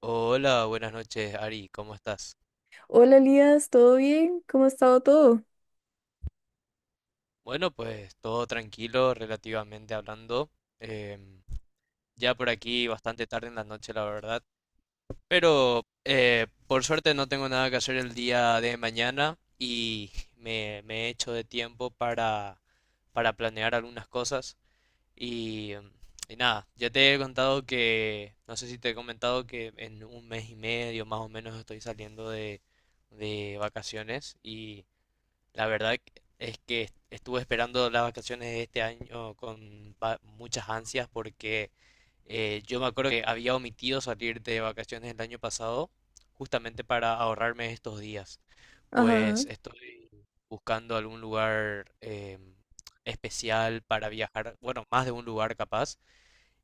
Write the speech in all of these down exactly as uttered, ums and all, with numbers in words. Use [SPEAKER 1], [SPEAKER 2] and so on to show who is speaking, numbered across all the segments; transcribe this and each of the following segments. [SPEAKER 1] Hola, buenas noches, Ari, ¿cómo estás?
[SPEAKER 2] Hola Elías, ¿todo bien? ¿Cómo ha estado todo?
[SPEAKER 1] Bueno, pues todo tranquilo, relativamente hablando. Em, ya por aquí bastante tarde en la noche, la verdad. Pero eh, por suerte no tengo nada que hacer el día de mañana y me, me he hecho de tiempo para, para planear algunas cosas. Y, em, y nada, ya te he contado que, no sé si te he comentado que en un mes y medio más o menos estoy saliendo de, de vacaciones y... La verdad es que est- estuve esperando las vacaciones de este año con va- muchas ansias porque eh, yo me acuerdo que había omitido salir de vacaciones el año pasado justamente para ahorrarme estos días.
[SPEAKER 2] Ajá.
[SPEAKER 1] Pues estoy buscando algún lugar eh, especial para viajar, bueno, más de un lugar capaz.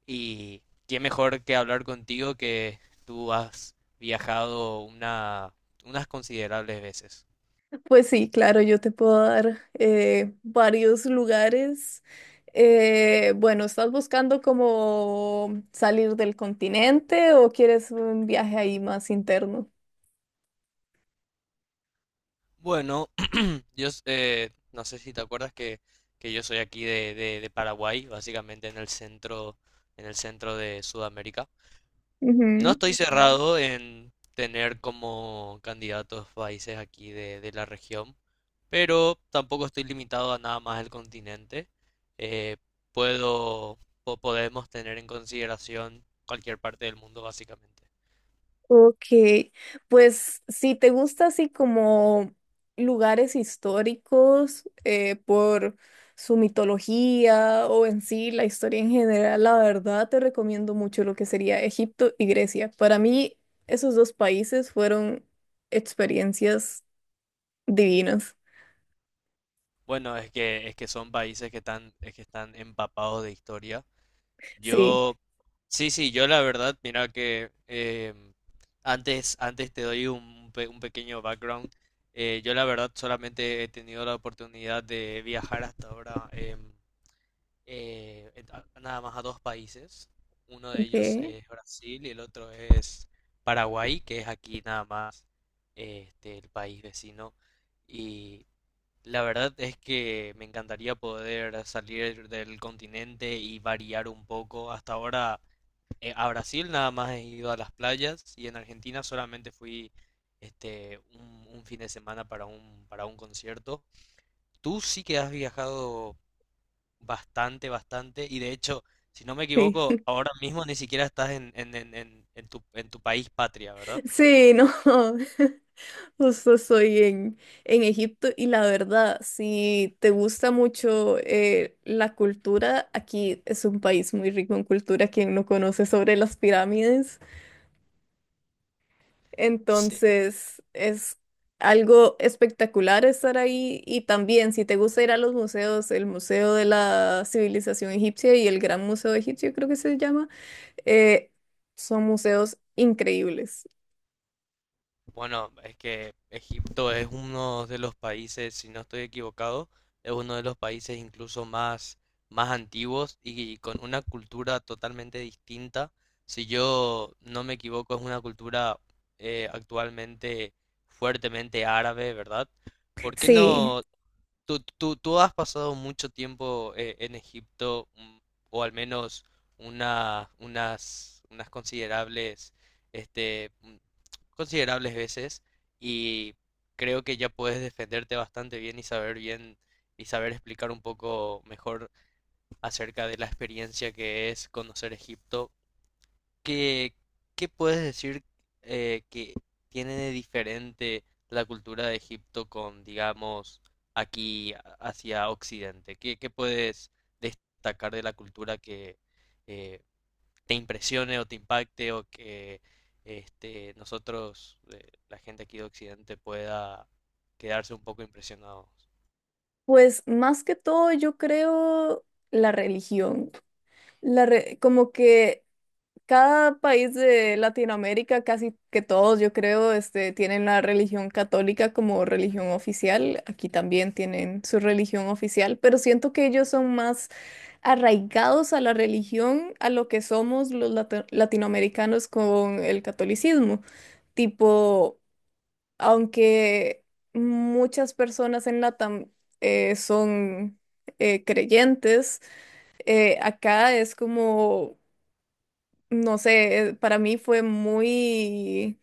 [SPEAKER 1] Y qué mejor que hablar contigo que tú has viajado una, unas considerables veces.
[SPEAKER 2] Pues sí, claro, yo te puedo dar eh, varios lugares. Eh, bueno, ¿estás buscando como salir del continente o quieres un viaje ahí más interno?
[SPEAKER 1] Bueno, Yo, eh, no sé si te acuerdas que, que yo soy aquí de, de- de Paraguay, básicamente en el centro, en el centro de Sudamérica. No estoy, Ujú. cerrado en tener como candidatos países aquí de, de la región, pero tampoco estoy limitado a nada más el continente. Eh, puedo, po- podemos tener en consideración cualquier parte del mundo, básicamente.
[SPEAKER 2] Ok, pues si te gusta así como lugares históricos eh, por su mitología o en sí la historia en general, la verdad te recomiendo mucho lo que sería Egipto y Grecia. Para mí esos dos países fueron experiencias divinas.
[SPEAKER 1] Bueno, es que, es que son países que están, es que están empapados de historia.
[SPEAKER 2] Sí,
[SPEAKER 1] Yo, sí, sí, yo la verdad, mira que eh, antes, antes te doy un, pe- un pequeño background. Eh, yo la verdad solamente he tenido la oportunidad de viajar hasta ahora em, eh, en- a- nada más a dos países. Uno de
[SPEAKER 2] ok,
[SPEAKER 1] ellos es Brasil y el otro es Paraguay, que es aquí nada más, eh, este, el país vecino. La verdad es que me encantaría poder salir del continente y variar un poco. Hasta ahora, eh, a Brasil nada más he ido a las playas y en Argentina solamente fui este un, un fin de semana para un para un concierto. Tú sí que has viajado bastante, bastante y de hecho, si no me
[SPEAKER 2] sí.
[SPEAKER 1] equivoco, ahora mismo ni siquiera estás en en, en, en- en tu en tu país patria, ¿verdad?
[SPEAKER 2] Sí, no. Justo estoy en, en Egipto y la verdad, si te gusta mucho eh, la cultura, aquí es un país muy rico en cultura, quien no conoce sobre las pirámides.
[SPEAKER 1] Sí.
[SPEAKER 2] Entonces, es algo espectacular estar ahí y también si te gusta ir a los museos, el Museo de la Civilización Egipcia y el Gran Museo Egipcio, creo que se llama, eh, son museos increíbles.
[SPEAKER 1] Bueno, es que Egipto es uno de los países, si no estoy equivocado, es uno de los países incluso más, más antiguos y con una cultura totalmente distinta. Si yo no me equivoco, es una cultura eh, actualmente fuertemente árabe, ¿verdad? ¿Por qué
[SPEAKER 2] Sí.
[SPEAKER 1] no Tú, tú, tú has pasado mucho tiempo eh, en Egipto, mm, o al menos una- unas, unas considerables, este, mm, considerables veces, y creo que ya puedes defenderte bastante bien y saber bien y saber explicar un poco mejor acerca de la experiencia que es conocer Egipto. ¿Qué, qué puedes decir, eh, que tiene de diferente la cultura de Egipto con, digamos, aquí a- hacia Occidente? ¿Qué, qué puedes destacar de la cultura que eh, te impresione o te impacte, o que este, nosotros, eh, la gente aquí de Occidente, pueda quedarse un poco impresionados?
[SPEAKER 2] Pues más que todo yo creo la religión. La re- como que cada país de Latinoamérica, casi que todos yo creo, este, tienen la religión católica como religión oficial. Aquí también tienen su religión oficial, pero siento que ellos son más arraigados a la religión, a lo que somos los lati- latinoamericanos con el catolicismo. Tipo aunque muchas personas en LATAM eh, son eh, creyentes, eh, acá es como, no sé, eh, para mí fue muy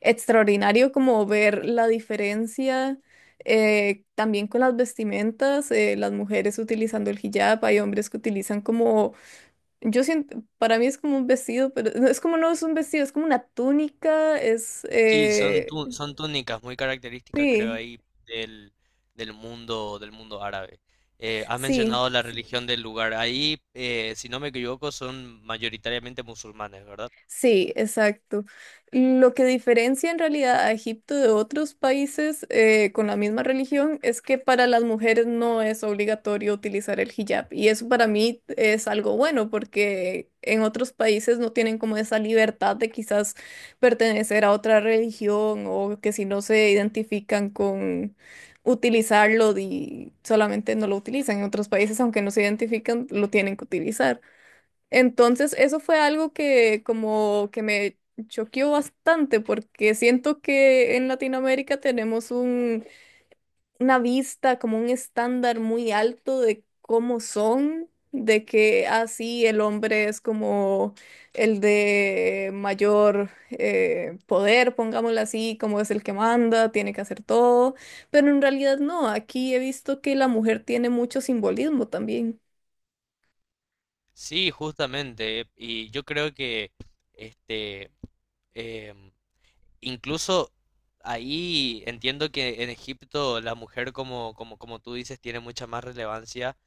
[SPEAKER 2] extraordinario como ver la diferencia. eh, también con las vestimentas, eh, las mujeres utilizando el hijab, hay hombres que utilizan como, yo siento, para mí es como un vestido, pero no, es como no es un vestido, es como una túnica, es,
[SPEAKER 1] Sí, son,
[SPEAKER 2] eh,
[SPEAKER 1] tú- son túnicas muy características, creo,
[SPEAKER 2] sí,
[SPEAKER 1] ahí del, del mundo, del mundo árabe. Eh, has
[SPEAKER 2] sí,
[SPEAKER 1] mencionado la, sí, religión del lugar. Ahí, eh, si no me equivoco, son mayoritariamente musulmanes, ¿verdad?
[SPEAKER 2] Sí, exacto. Lo que diferencia en realidad a Egipto de otros países eh, con la misma religión es que para las mujeres no es obligatorio utilizar el hijab. Y eso para mí es algo bueno porque en otros países no tienen como esa libertad de quizás pertenecer a otra religión o que si no se identifican con utilizarlo y solamente no lo utilizan. En otros países, aunque no se identifican, lo tienen que utilizar. Entonces, eso fue algo que como que me choqueó bastante porque siento que en Latinoamérica tenemos un, una vista, como un estándar muy alto de cómo son, de que así el hombre es como el de mayor eh, poder, pongámoslo así, como es el que manda, tiene que hacer todo, pero en realidad no, aquí he visto que la mujer tiene mucho simbolismo también.
[SPEAKER 1] Sí, justamente. Y yo creo que este, em, incluso ahí entiendo que en Egipto la mujer, como, como, como tú dices, tiene mucha más relevancia,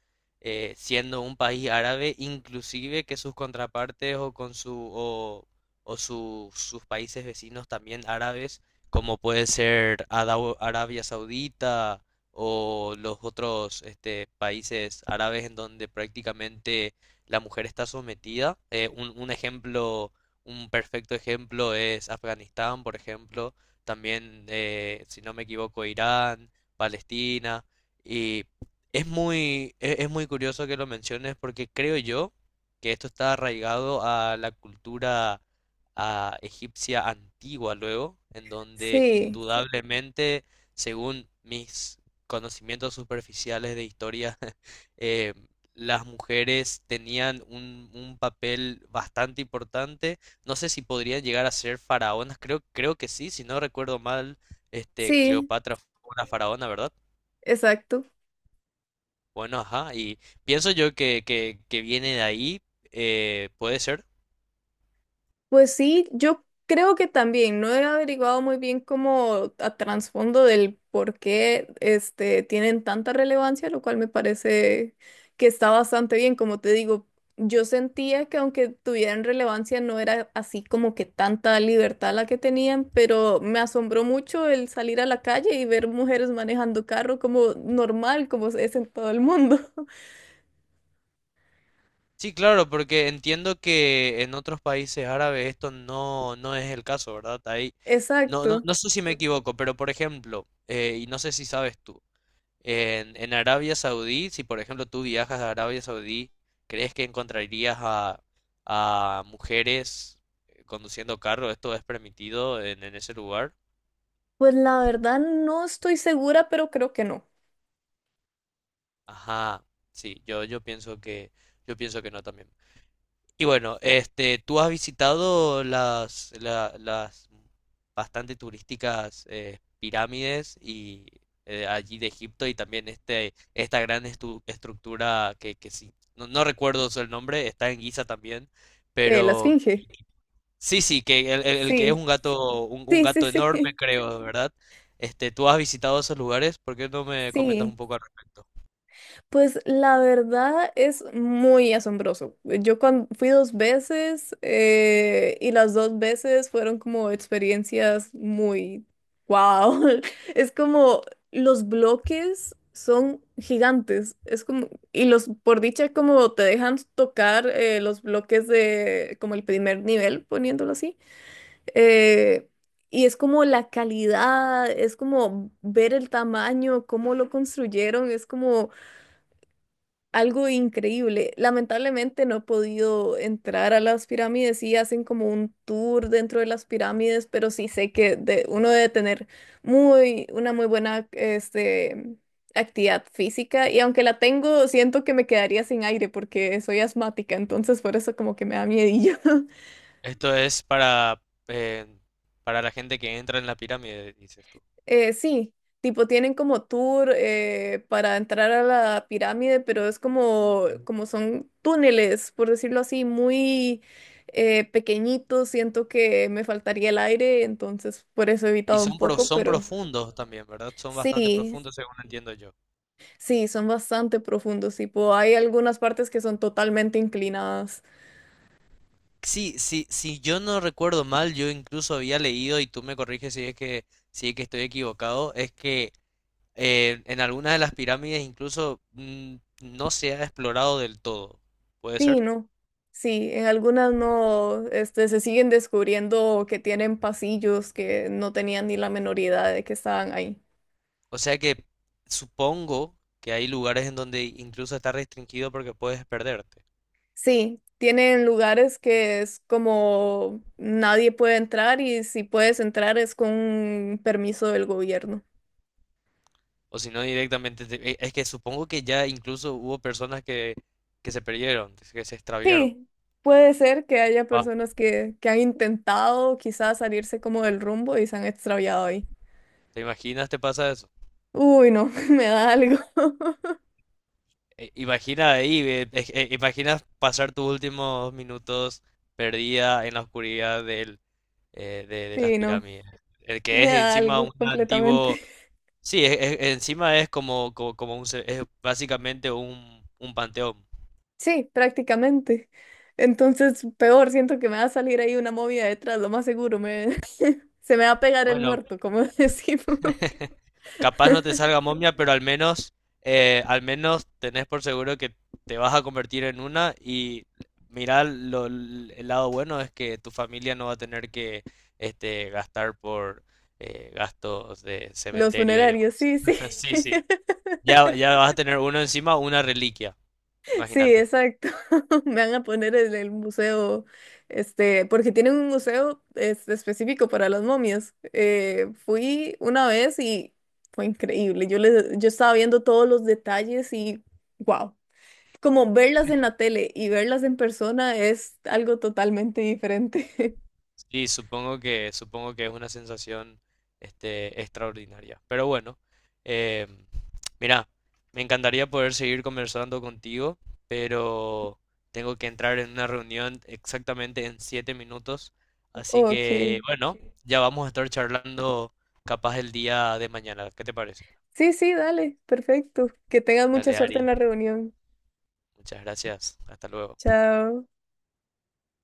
[SPEAKER 1] eh, siendo un país árabe, inclusive que sus contrapartes o con su o, o su- sus países vecinos también árabes, como puede ser Adau- Arabia Saudita o los otros, este, países árabes en donde prácticamente la mujer está sometida. Eh, un, un ejemplo un perfecto ejemplo es Afganistán; por ejemplo, también, eh, si no me equivoco, Irán, Palestina, y es muy, e- es muy curioso que lo menciones, porque creo yo que esto está arraigado a la cultura a egipcia antigua luego, en donde
[SPEAKER 2] Sí,
[SPEAKER 1] indudablemente, según mis conocimientos superficiales de historia, eh, las mujeres tenían un, un papel bastante importante. No sé si podrían llegar a ser faraonas, creo, creo, que sí. Si no recuerdo mal, este
[SPEAKER 2] sí,
[SPEAKER 1] Cleopatra fue una faraona, ¿verdad?
[SPEAKER 2] exacto.
[SPEAKER 1] Bueno, ajá, y pienso yo que, que, que viene de ahí, eh, puede ser.
[SPEAKER 2] Pues sí, yo creo que también no he averiguado muy bien como a trasfondo del por qué este, tienen tanta relevancia, lo cual me parece que está bastante bien. Como te digo, yo sentía que aunque tuvieran relevancia no era así como que tanta libertad la que tenían, pero me asombró mucho el salir a la calle y ver mujeres manejando carro como normal, como es en todo el mundo.
[SPEAKER 1] Sí, claro, porque entiendo que en otros países árabes esto no, no es el caso, ¿verdad? Ahí, no, no,
[SPEAKER 2] Exacto.
[SPEAKER 1] no sé si me equivoco, pero por ejemplo, eh, y no sé si sabes tú, En, en Arabia Saudí, si por ejemplo tú viajas a Arabia Saudí, ¿crees que encontrarías a, a mujeres eh, conduciendo carro? ¿Esto es permitido en, en ese lugar?
[SPEAKER 2] Pues la verdad no estoy segura, pero creo que no.
[SPEAKER 1] Ajá, sí, yo, yo pienso que, yo pienso que no también. Y bueno, este, ¿tú has visitado las, la- las bastante turísticas, eh, pirámides y, eh, allí de Egipto, y también este, esta gran estu- estructura que, que sí, no, no recuerdo el nombre, está en Giza también,
[SPEAKER 2] Eh, la
[SPEAKER 1] pero
[SPEAKER 2] esfinge.
[SPEAKER 1] sí, sí, que el, el- el que es
[SPEAKER 2] Sí,
[SPEAKER 1] un gato, un, un
[SPEAKER 2] sí, sí,
[SPEAKER 1] gato
[SPEAKER 2] sí.
[SPEAKER 1] enorme, creo, ¿verdad? Este, ¿tú has visitado esos lugares? ¿Por qué no me comentas un
[SPEAKER 2] Sí,
[SPEAKER 1] poco al respecto?
[SPEAKER 2] pues la verdad es muy asombroso. Yo cuan- fui dos veces eh, y las dos veces fueron como experiencias muy wow. Es como los bloques son gigantes. Es como, y los, por dicha, como te dejan tocar eh, los bloques de como el primer nivel, poniéndolo así. Eh, y es como la calidad, es como ver el tamaño, cómo lo construyeron, es como algo increíble. Lamentablemente no he podido entrar a las pirámides y hacen como un tour dentro de las pirámides, pero sí sé que de- uno debe tener muy, una muy buena este, actividad física y aunque la tengo, siento que me quedaría sin aire porque soy asmática, entonces por eso como que me da miedillo.
[SPEAKER 1] Esto es para, eh, para la gente que entra en la pirámide, dices tú.
[SPEAKER 2] Eh, sí, tipo tienen como tour eh, para entrar a la pirámide, pero es como, como son túneles, por decirlo así, muy eh, pequeñitos. Siento que me faltaría el aire, entonces por eso he
[SPEAKER 1] Y
[SPEAKER 2] evitado un
[SPEAKER 1] son, pro-
[SPEAKER 2] poco,
[SPEAKER 1] son
[SPEAKER 2] pero
[SPEAKER 1] profundos también, ¿verdad? Son bastante
[SPEAKER 2] sí,
[SPEAKER 1] profundos, según entiendo yo.
[SPEAKER 2] sí, son bastante profundos. Tipo, hay algunas partes que son totalmente inclinadas.
[SPEAKER 1] Sí, sí, si yo no recuerdo mal, yo incluso había leído, y tú me corriges si es que, si es que estoy equivocado, es que eh, en algunas de las pirámides incluso, mm, no se ha explorado del todo. ¿Puede
[SPEAKER 2] Sí,
[SPEAKER 1] ser?
[SPEAKER 2] no. Sí, en algunas no, este, se siguen descubriendo que tienen pasillos que no tenían ni la menor idea de que estaban ahí.
[SPEAKER 1] O sea que supongo que hay lugares en donde incluso está restringido porque puedes perderte.
[SPEAKER 2] Sí, tienen lugares que es como nadie puede entrar y si puedes entrar es con un permiso del gobierno.
[SPEAKER 1] O si no, directamente, te- e- es que supongo que ya incluso hubo personas que, que se perdieron, que se extraviaron.
[SPEAKER 2] Sí, puede ser que haya personas que, que han intentado quizás salirse como del rumbo y se han extraviado ahí.
[SPEAKER 1] ¿Te imaginas te pasa eso?
[SPEAKER 2] Uy, no, me da algo.
[SPEAKER 1] Eh, Imagina ahí, ve, eh, eh, imaginas pasar tus últimos minutos perdida en la oscuridad del, eh, de, de las
[SPEAKER 2] Sí, no,
[SPEAKER 1] pirámides. El que
[SPEAKER 2] me
[SPEAKER 1] es
[SPEAKER 2] da
[SPEAKER 1] encima un
[SPEAKER 2] algo
[SPEAKER 1] antiguo...
[SPEAKER 2] completamente.
[SPEAKER 1] Sí, es- es- encima es como, como, como un... ce- Es básicamente un, un panteón.
[SPEAKER 2] Sí, prácticamente. Entonces, peor, siento que me va a salir ahí una movida detrás, lo más seguro, me, se me va a pegar el
[SPEAKER 1] Bueno,
[SPEAKER 2] muerto, como decimos.
[SPEAKER 1] capaz no te salga momia, pero al menos, eh, al menos tenés por seguro que te vas a convertir en una y mirá, lo- el lado bueno es que tu familia no va a tener que este, gastar por, eh, gastos de
[SPEAKER 2] Los
[SPEAKER 1] cementerio y
[SPEAKER 2] funerarios,
[SPEAKER 1] demás.
[SPEAKER 2] sí, sí.
[SPEAKER 1] Sí, sí. Ya, ya vas a tener uno encima, una reliquia,
[SPEAKER 2] Sí,
[SPEAKER 1] imagínate.
[SPEAKER 2] exacto. Me van a poner en el museo, este, porque tienen un museo este, específico para las momias. Eh, fui una vez y fue increíble. Yo les, yo estaba viendo todos los detalles y wow. Como verlas en la tele y verlas en persona es algo totalmente diferente.
[SPEAKER 1] Sí, supongo que, supongo que es una sensación, este, extraordinaria. Pero bueno, eh, mira, me encantaría poder seguir conversando contigo, pero tengo que entrar en una reunión exactamente en siete minutos. Así
[SPEAKER 2] Ok.
[SPEAKER 1] que bueno, ya vamos a estar charlando capaz el día de mañana. ¿Qué te parece?
[SPEAKER 2] Sí, sí, dale. Perfecto. Que tengas mucha
[SPEAKER 1] Dale,
[SPEAKER 2] suerte en
[SPEAKER 1] Ari.
[SPEAKER 2] la reunión.
[SPEAKER 1] Muchas gracias. Hasta luego.
[SPEAKER 2] Chao.